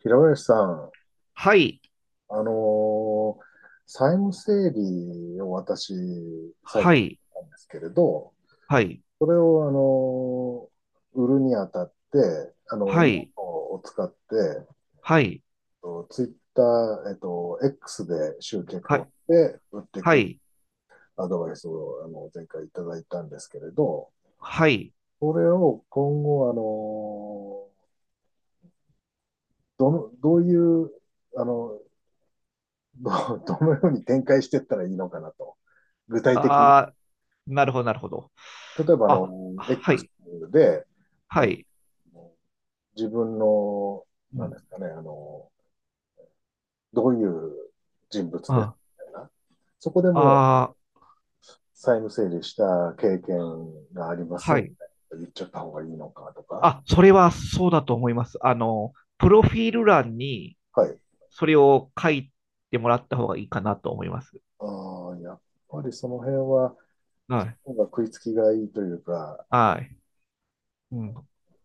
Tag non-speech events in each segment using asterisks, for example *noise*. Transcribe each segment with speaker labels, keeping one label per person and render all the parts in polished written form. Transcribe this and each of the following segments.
Speaker 1: 平林さん、
Speaker 2: はい、
Speaker 1: あのー債務整理を私、最
Speaker 2: は
Speaker 1: 近
Speaker 2: い、
Speaker 1: なんですけれど、
Speaker 2: はい、
Speaker 1: それを、売るにあたって、
Speaker 2: は
Speaker 1: ノー
Speaker 2: い、
Speaker 1: トを使って、
Speaker 2: はい、
Speaker 1: ツイッター、X で集客
Speaker 2: は
Speaker 1: を
Speaker 2: い、
Speaker 1: して、売ってい
Speaker 2: は
Speaker 1: く
Speaker 2: い、
Speaker 1: アドバイスを、前回いただいたんですけれど、
Speaker 2: はい。
Speaker 1: それを今後、どの、どういう、あの、どう *laughs* どのように展開していったらいいのかなと。具体的に。
Speaker 2: ああ、なるほど、なるほど。
Speaker 1: 例えば、
Speaker 2: あ、は
Speaker 1: X
Speaker 2: い、
Speaker 1: で、あ
Speaker 2: はい。
Speaker 1: の自分の、
Speaker 2: う
Speaker 1: なん
Speaker 2: ん、
Speaker 1: ですかね、どういう人物でみ
Speaker 2: あ
Speaker 1: たいな。そこでもう
Speaker 2: あー、
Speaker 1: 債務整理した経験があります
Speaker 2: は
Speaker 1: み
Speaker 2: い。
Speaker 1: たいな言っちゃった方がいいのかとか。
Speaker 2: あ、それはそうだと思います。プロフィール欄に
Speaker 1: はい。
Speaker 2: それを書いてもらった方がいいかなと思います。
Speaker 1: ああ、やっぱりその辺は、
Speaker 2: はい。
Speaker 1: なんか食いつきがいいというか、
Speaker 2: はい。うん。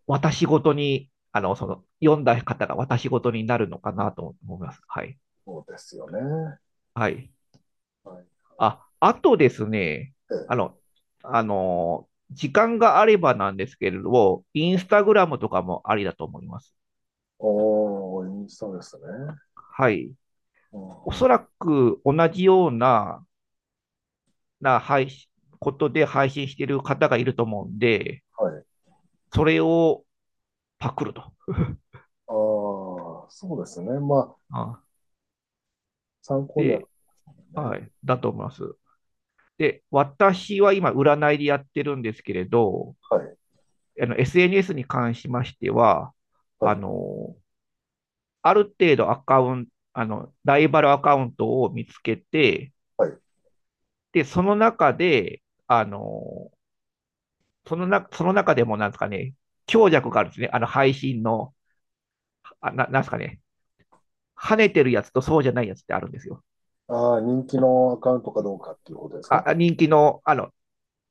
Speaker 2: 私ごとに、読んだ方が私ごとになるのかなと思います。はい。
Speaker 1: そうですよね。
Speaker 2: はい。
Speaker 1: はい。
Speaker 2: あ、あとですね、あ
Speaker 1: ええ。
Speaker 2: の、時間があればなんですけれど、インスタグラムとかもありだと思います。
Speaker 1: おー、そうですね。
Speaker 2: はい。
Speaker 1: うん
Speaker 2: お
Speaker 1: うん。
Speaker 2: そらく同じような、な配信、ことで配信している方がいると思うんで、
Speaker 1: はい。
Speaker 2: それをパクると。
Speaker 1: ああ、そうですね。まあ、
Speaker 2: あ
Speaker 1: 参考には、ね。
Speaker 2: で、はい、だと思います。で、私は今、占いでやってるんですけれど、
Speaker 1: はい。
Speaker 2: あの SNS に関しましては、
Speaker 1: は
Speaker 2: あ
Speaker 1: い。
Speaker 2: の、ある程度アカウント、あの、ライバルアカウントを見つけて、
Speaker 1: はい。
Speaker 2: で、その中で、あの、そのな、その中でもなんですかね、強弱があるんですね。あの、配信の、あななんですかね、跳ねてるやつとそうじゃないやつってあるんですよ。
Speaker 1: ああ、人気のアカウントかどうかっていうことですか？
Speaker 2: あ、人気の、あの、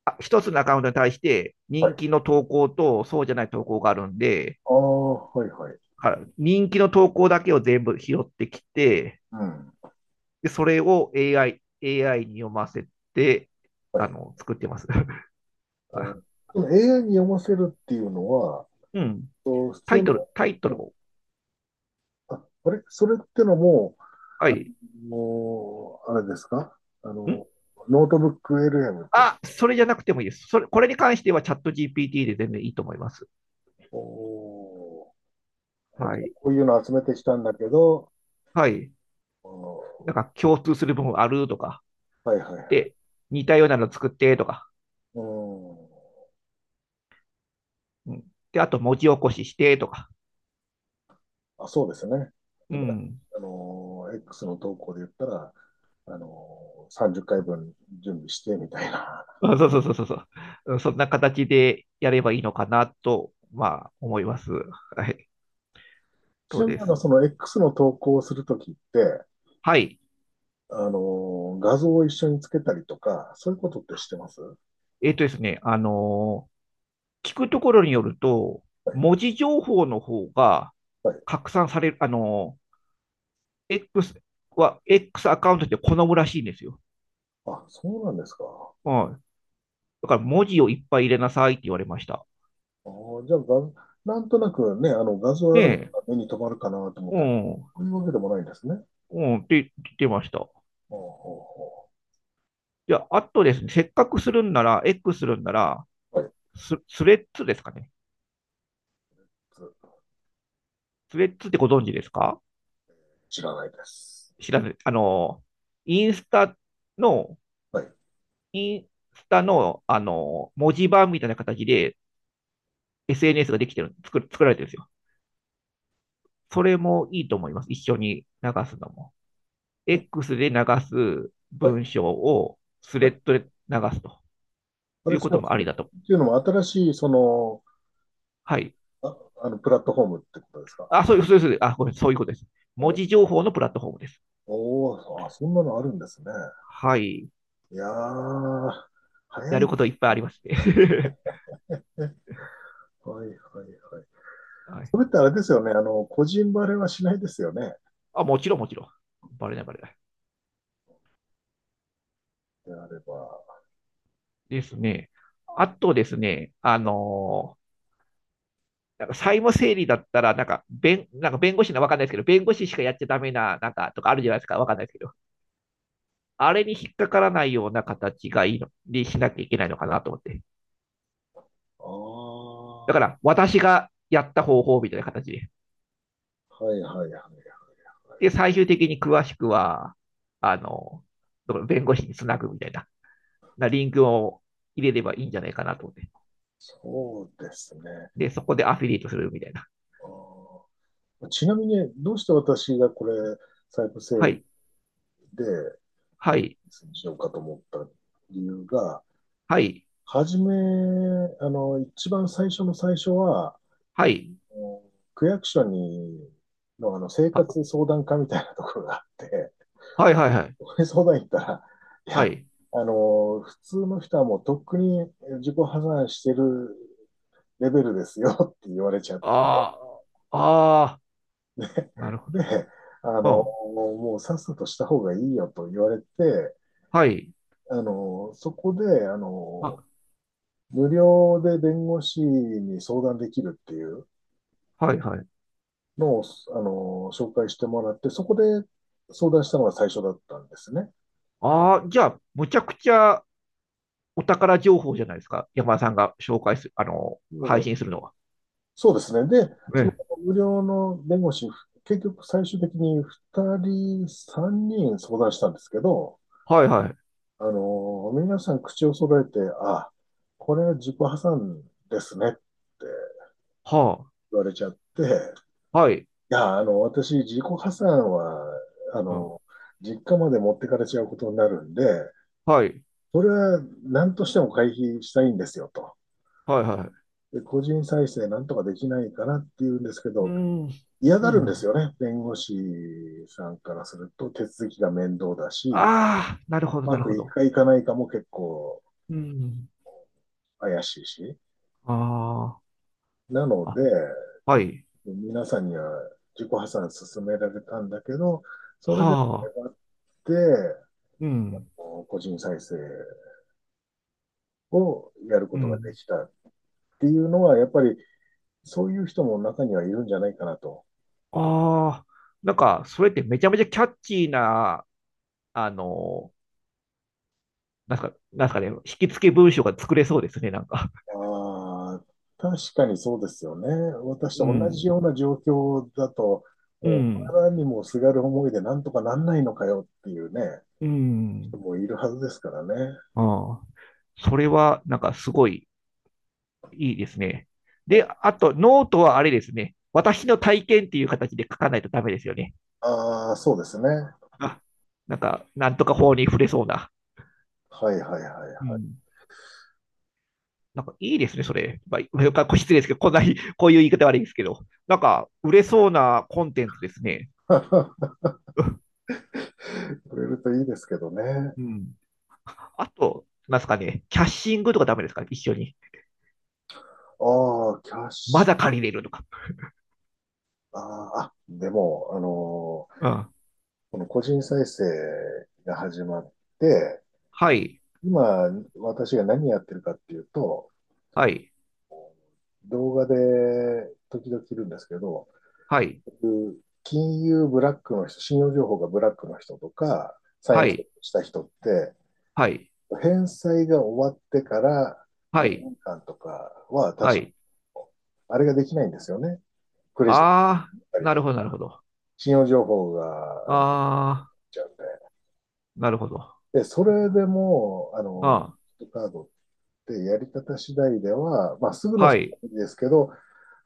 Speaker 2: あ一つのアカウントに対して
Speaker 1: は
Speaker 2: 人
Speaker 1: い。
Speaker 2: 気の投稿とそうじゃない投稿があるんで、
Speaker 1: ああ、はい、はい。
Speaker 2: あ人気の投稿だけを全部拾ってきて、
Speaker 1: うん。
Speaker 2: で、それを AI に読ませて、
Speaker 1: はい。
Speaker 2: 作ってます。*laughs*
Speaker 1: お、その AI に読ませるっていうのは、
Speaker 2: うん。
Speaker 1: お普通の、も
Speaker 2: タイトル
Speaker 1: う
Speaker 2: を。
Speaker 1: あ、あれそれってのも、
Speaker 2: はい。
Speaker 1: もう、あれですか？あ
Speaker 2: ん
Speaker 1: の、ノートブック LM って、
Speaker 2: それじゃなくてもいいです。それ、これに関してはチャット GPT で全然いいと思います。
Speaker 1: おー、あ、じ
Speaker 2: は
Speaker 1: ゃあ
Speaker 2: い。
Speaker 1: こういうの集めてきたんだけど、
Speaker 2: はい。
Speaker 1: おー、
Speaker 2: なんか共通する部分あるとか、
Speaker 1: はいはいはい。
Speaker 2: で、似たようなの作ってとか、
Speaker 1: うん。
Speaker 2: うん。で、あと文字起こししてとか、
Speaker 1: あ、そうですね。例え
Speaker 2: う
Speaker 1: ば、
Speaker 2: ん。
Speaker 1: X の投稿で言ったら、30回分準備してみたいな。
Speaker 2: あそうそうそうそうそううん。そんな形でやればいいのかなと、まあ、思います。はい。
Speaker 1: *laughs* ち
Speaker 2: そう
Speaker 1: なみに、
Speaker 2: で
Speaker 1: そ
Speaker 2: す。
Speaker 1: の X の投稿をするときって、
Speaker 2: はい。
Speaker 1: あの画像を一緒につけたりとか、そういうことってしてますは
Speaker 2: えっ、とですね、あのー聞くところによると、
Speaker 1: い。
Speaker 2: 文字情報の方が
Speaker 1: はい。
Speaker 2: 拡散される、X X アカウントって好むらしいんですよ。
Speaker 1: あ、そうなんですか。
Speaker 2: うん。だから文字をいっぱい入れなさいって言われました。
Speaker 1: あーじゃあが、画なんとなくね、画像
Speaker 2: ね
Speaker 1: ある方
Speaker 2: え、
Speaker 1: が目に留まるかなと思っ
Speaker 2: う
Speaker 1: て、
Speaker 2: ん、
Speaker 1: そういうわけでもないんですね。
Speaker 2: うん、って言ってました。
Speaker 1: ほうほうほ
Speaker 2: じゃあ、あとですね、せっかくするんなら、X するんなら、
Speaker 1: う。はい。
Speaker 2: スレッズですかね。
Speaker 1: つ
Speaker 2: スレッズってご存知ですか？
Speaker 1: 知らないです。
Speaker 2: 知らない。インスタの、
Speaker 1: はい。
Speaker 2: インスタの、あの、文字盤みたいな形で SNS ができてる、作る、作られてるんですよ。それもいいと思います。一緒に流すのも。
Speaker 1: うん。
Speaker 2: X で流す
Speaker 1: はい。
Speaker 2: 文章をス
Speaker 1: は
Speaker 2: レ
Speaker 1: い。
Speaker 2: ッドで流すと
Speaker 1: あ
Speaker 2: い
Speaker 1: れ、
Speaker 2: うこ
Speaker 1: そ
Speaker 2: と
Speaker 1: の
Speaker 2: も
Speaker 1: そ
Speaker 2: あ
Speaker 1: れ
Speaker 2: り
Speaker 1: っ
Speaker 2: だと。
Speaker 1: ていうのも新しい、その、
Speaker 2: はい。
Speaker 1: あ、プラットフォームってことですか？
Speaker 2: あ、そういう、そういう、そうあ、ごめん、そういうことです。文
Speaker 1: お、
Speaker 2: 字情報のプラットフォームです。
Speaker 1: おーあ、そんなのあるんですね。
Speaker 2: はい。
Speaker 1: いやー、
Speaker 2: や
Speaker 1: 早
Speaker 2: る
Speaker 1: い。
Speaker 2: こといっぱいありますね。
Speaker 1: はいはいはい。
Speaker 2: *laughs* は
Speaker 1: それ
Speaker 2: い。
Speaker 1: ってあれですよね。個人バレはしないですよね。
Speaker 2: あ、もちろん、もちろん。バレない、バレない。
Speaker 1: であれば。
Speaker 2: ですね。あとですね、なんか債務整理だったら、なんか弁護士のわかんないですけど、弁護士しかやっちゃダメな、なんかとかあるじゃないですか、わかんないですけど、あれに引っかからないような形がいいの、にしなきゃいけないのかなと思って。
Speaker 1: あ
Speaker 2: だ
Speaker 1: あ、
Speaker 2: か
Speaker 1: は
Speaker 2: ら私がやった方法みたいな形で。
Speaker 1: いはいはいはい。
Speaker 2: で、最終的に詳しくは、あの、弁護士につなぐみたいな、なリンクを入れればいいんじゃないかなと思って。
Speaker 1: そうですね。
Speaker 2: で、そこでアフィリエイトするみたいな。
Speaker 1: あー、ちなみに、どうして私がこれ、イ部整
Speaker 2: は
Speaker 1: 理
Speaker 2: い、
Speaker 1: で
Speaker 2: はい、
Speaker 1: にしようかと思った理由が、
Speaker 2: はい、
Speaker 1: はじめ、一番最初の最初は、
Speaker 2: はい、
Speaker 1: あの区役所に、の、あの、生
Speaker 2: は
Speaker 1: 活相談課みたいなところがあって、
Speaker 2: はい、はい、はい、
Speaker 1: そこに相談行ったら、い
Speaker 2: は
Speaker 1: や、
Speaker 2: い。
Speaker 1: 普通の人はもうとっくに自己破産してるレベルですよって言われちゃって、
Speaker 2: ああ、ああ、なるほ
Speaker 1: あ
Speaker 2: ど。
Speaker 1: の、
Speaker 2: うん。
Speaker 1: もうさっさとした方がいいよと言われて、
Speaker 2: はい、
Speaker 1: あの、そこで、あ
Speaker 2: あ、
Speaker 1: の、無料で弁護士に相談できるっていう、
Speaker 2: はい、はい。
Speaker 1: のを、紹介してもらって、そこで相談したのが最初だったんですね。
Speaker 2: ああ、じゃあ、むちゃくちゃお宝情報じゃないですか。山田さんが紹介する、あの、
Speaker 1: も
Speaker 2: 配
Speaker 1: う
Speaker 2: 信するのは。
Speaker 1: そうですね。で、その
Speaker 2: ね。
Speaker 1: 無料の弁護士、結局最終的に2人、3人相談したんですけど、
Speaker 2: はい、はい。
Speaker 1: 皆さん口を揃えて、あ、これは自己破産ですねって
Speaker 2: はあ。
Speaker 1: 言われちゃって、い
Speaker 2: はい。
Speaker 1: や、私、自己破産は、あ
Speaker 2: うん。
Speaker 1: の、実家まで持ってかれちゃうことになるんで、
Speaker 2: はい。
Speaker 1: それは何としても回避したいんですよと。
Speaker 2: はい。はい。
Speaker 1: で個人再生なんとかできないかなっていうんですけ
Speaker 2: う
Speaker 1: ど、
Speaker 2: ん。
Speaker 1: 嫌
Speaker 2: う
Speaker 1: がるんです
Speaker 2: ん。
Speaker 1: よね。弁護士さんからすると手続きが面倒だし、う
Speaker 2: ああ、なるほど、な
Speaker 1: ま
Speaker 2: る
Speaker 1: く
Speaker 2: ほ
Speaker 1: い
Speaker 2: ど。
Speaker 1: くかいかないかも結構
Speaker 2: うん。
Speaker 1: 怪しいし。
Speaker 2: あ
Speaker 1: なの
Speaker 2: あ、
Speaker 1: で、
Speaker 2: あ、はい。
Speaker 1: 皆さんには自己破産勧められたんだけど、そ
Speaker 2: は
Speaker 1: れで
Speaker 2: あ
Speaker 1: 粘って、
Speaker 2: うん。
Speaker 1: 個人再生をやるこ
Speaker 2: う
Speaker 1: とがで
Speaker 2: ん。
Speaker 1: きたっていうのは、やっぱりそういう人も中にはいるんじゃないかなと。
Speaker 2: あ、ああなんか、それってめちゃめちゃキャッチーな、あの、なんか、なんすかね、引き付け文章が作れそうですね、なんか。
Speaker 1: ああ、確かにそうですよね。私
Speaker 2: う
Speaker 1: と同
Speaker 2: ん。
Speaker 1: じような状況だと、
Speaker 2: う
Speaker 1: もう、
Speaker 2: ん。
Speaker 1: あらにもすがる思いでなんとかなんないのかよっていうね、
Speaker 2: うん。
Speaker 1: 人もいるはずですからね。
Speaker 2: うん。それは、なんかすごいいいですね。で、
Speaker 1: お
Speaker 2: あと、ノートはあれですね。私の体験っていう形で書かないとダメですよね。
Speaker 1: ああ、そうですね。
Speaker 2: あなんか、なんとか法に触れそうな。
Speaker 1: はいはいはい
Speaker 2: う
Speaker 1: は
Speaker 2: ん。なんかいいですね、それ。まあ、失礼ですけど、こんなに、*laughs* こういう言い方悪いですけど、なんか、売れそうなコンテンツですね。
Speaker 1: い。
Speaker 2: *laughs*
Speaker 1: *laughs* くれるといいですけどね。
Speaker 2: うん。あと、なんですかね、キャッシングとかダメですかね一緒に。
Speaker 1: ああ、キャッ
Speaker 2: ま
Speaker 1: シ
Speaker 2: だ
Speaker 1: ュ。
Speaker 2: 借りれるとか。
Speaker 1: あーあ、でも、
Speaker 2: うん。
Speaker 1: この個人再生が始まって、
Speaker 2: はい、
Speaker 1: 今、私が何やってるかっていうと、
Speaker 2: はい、
Speaker 1: 動画で時々いるんですけど、
Speaker 2: はい、
Speaker 1: 金融ブラックの人、信用情報がブラックの人とか、債
Speaker 2: は
Speaker 1: 務設
Speaker 2: い、
Speaker 1: 定した人って、
Speaker 2: はい、
Speaker 1: 返済が終わってから
Speaker 2: はい、
Speaker 1: 5年間とかは
Speaker 2: は
Speaker 1: 確か
Speaker 2: い。
Speaker 1: あれができないんですよね。クレジットだっ
Speaker 2: あ
Speaker 1: た
Speaker 2: ー、
Speaker 1: り
Speaker 2: な
Speaker 1: と
Speaker 2: る
Speaker 1: か、
Speaker 2: ほど、なるほど。
Speaker 1: 信用情報が
Speaker 2: あー
Speaker 1: ちゃうんで。
Speaker 2: なるほど。あ
Speaker 1: で、それでも、
Speaker 2: あ、
Speaker 1: クレジットカードってやり方次第では、まあ、すぐの
Speaker 2: は
Speaker 1: す
Speaker 2: い、
Speaker 1: ぐですけど、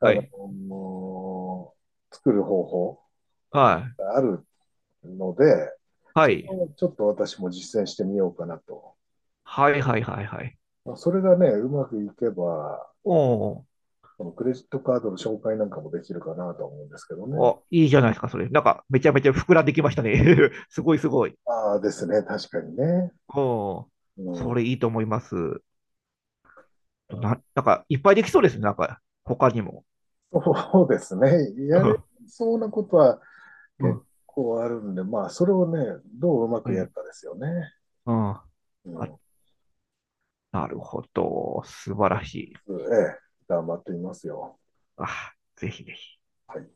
Speaker 1: あ
Speaker 2: はい、
Speaker 1: の、作る方法
Speaker 2: はい、
Speaker 1: があるので、
Speaker 2: は
Speaker 1: それ
Speaker 2: い、
Speaker 1: をちょっと私も実践してみようかなと。
Speaker 2: はい、はい、はい、はい。
Speaker 1: まあ、それがね、うまくいけば、
Speaker 2: おー
Speaker 1: このクレジットカードの紹介なんかもできるかなと思うんですけどね。
Speaker 2: お、いいじゃないですか、それ。なんか、めちゃめちゃ膨らんできましたね。*laughs* すごい、すごい。
Speaker 1: ああですね、確かにね。
Speaker 2: おー
Speaker 1: う
Speaker 2: そ
Speaker 1: ん、
Speaker 2: れいいと思います。なんか、いっぱいできそうですね、なんか、他にも。
Speaker 1: そう *laughs* ですね。
Speaker 2: *laughs* う
Speaker 1: やれ
Speaker 2: ん、
Speaker 1: そうなことは
Speaker 2: う
Speaker 1: 結
Speaker 2: ん、
Speaker 1: 構あるんで、まあ、それをね、どううま
Speaker 2: う
Speaker 1: くやる
Speaker 2: ん。
Speaker 1: かですよね。
Speaker 2: うんあ、
Speaker 1: うん、
Speaker 2: なるほど。素晴らしい。
Speaker 1: ええ、頑張ってみますよ。
Speaker 2: あ、ぜひぜひ。
Speaker 1: はい。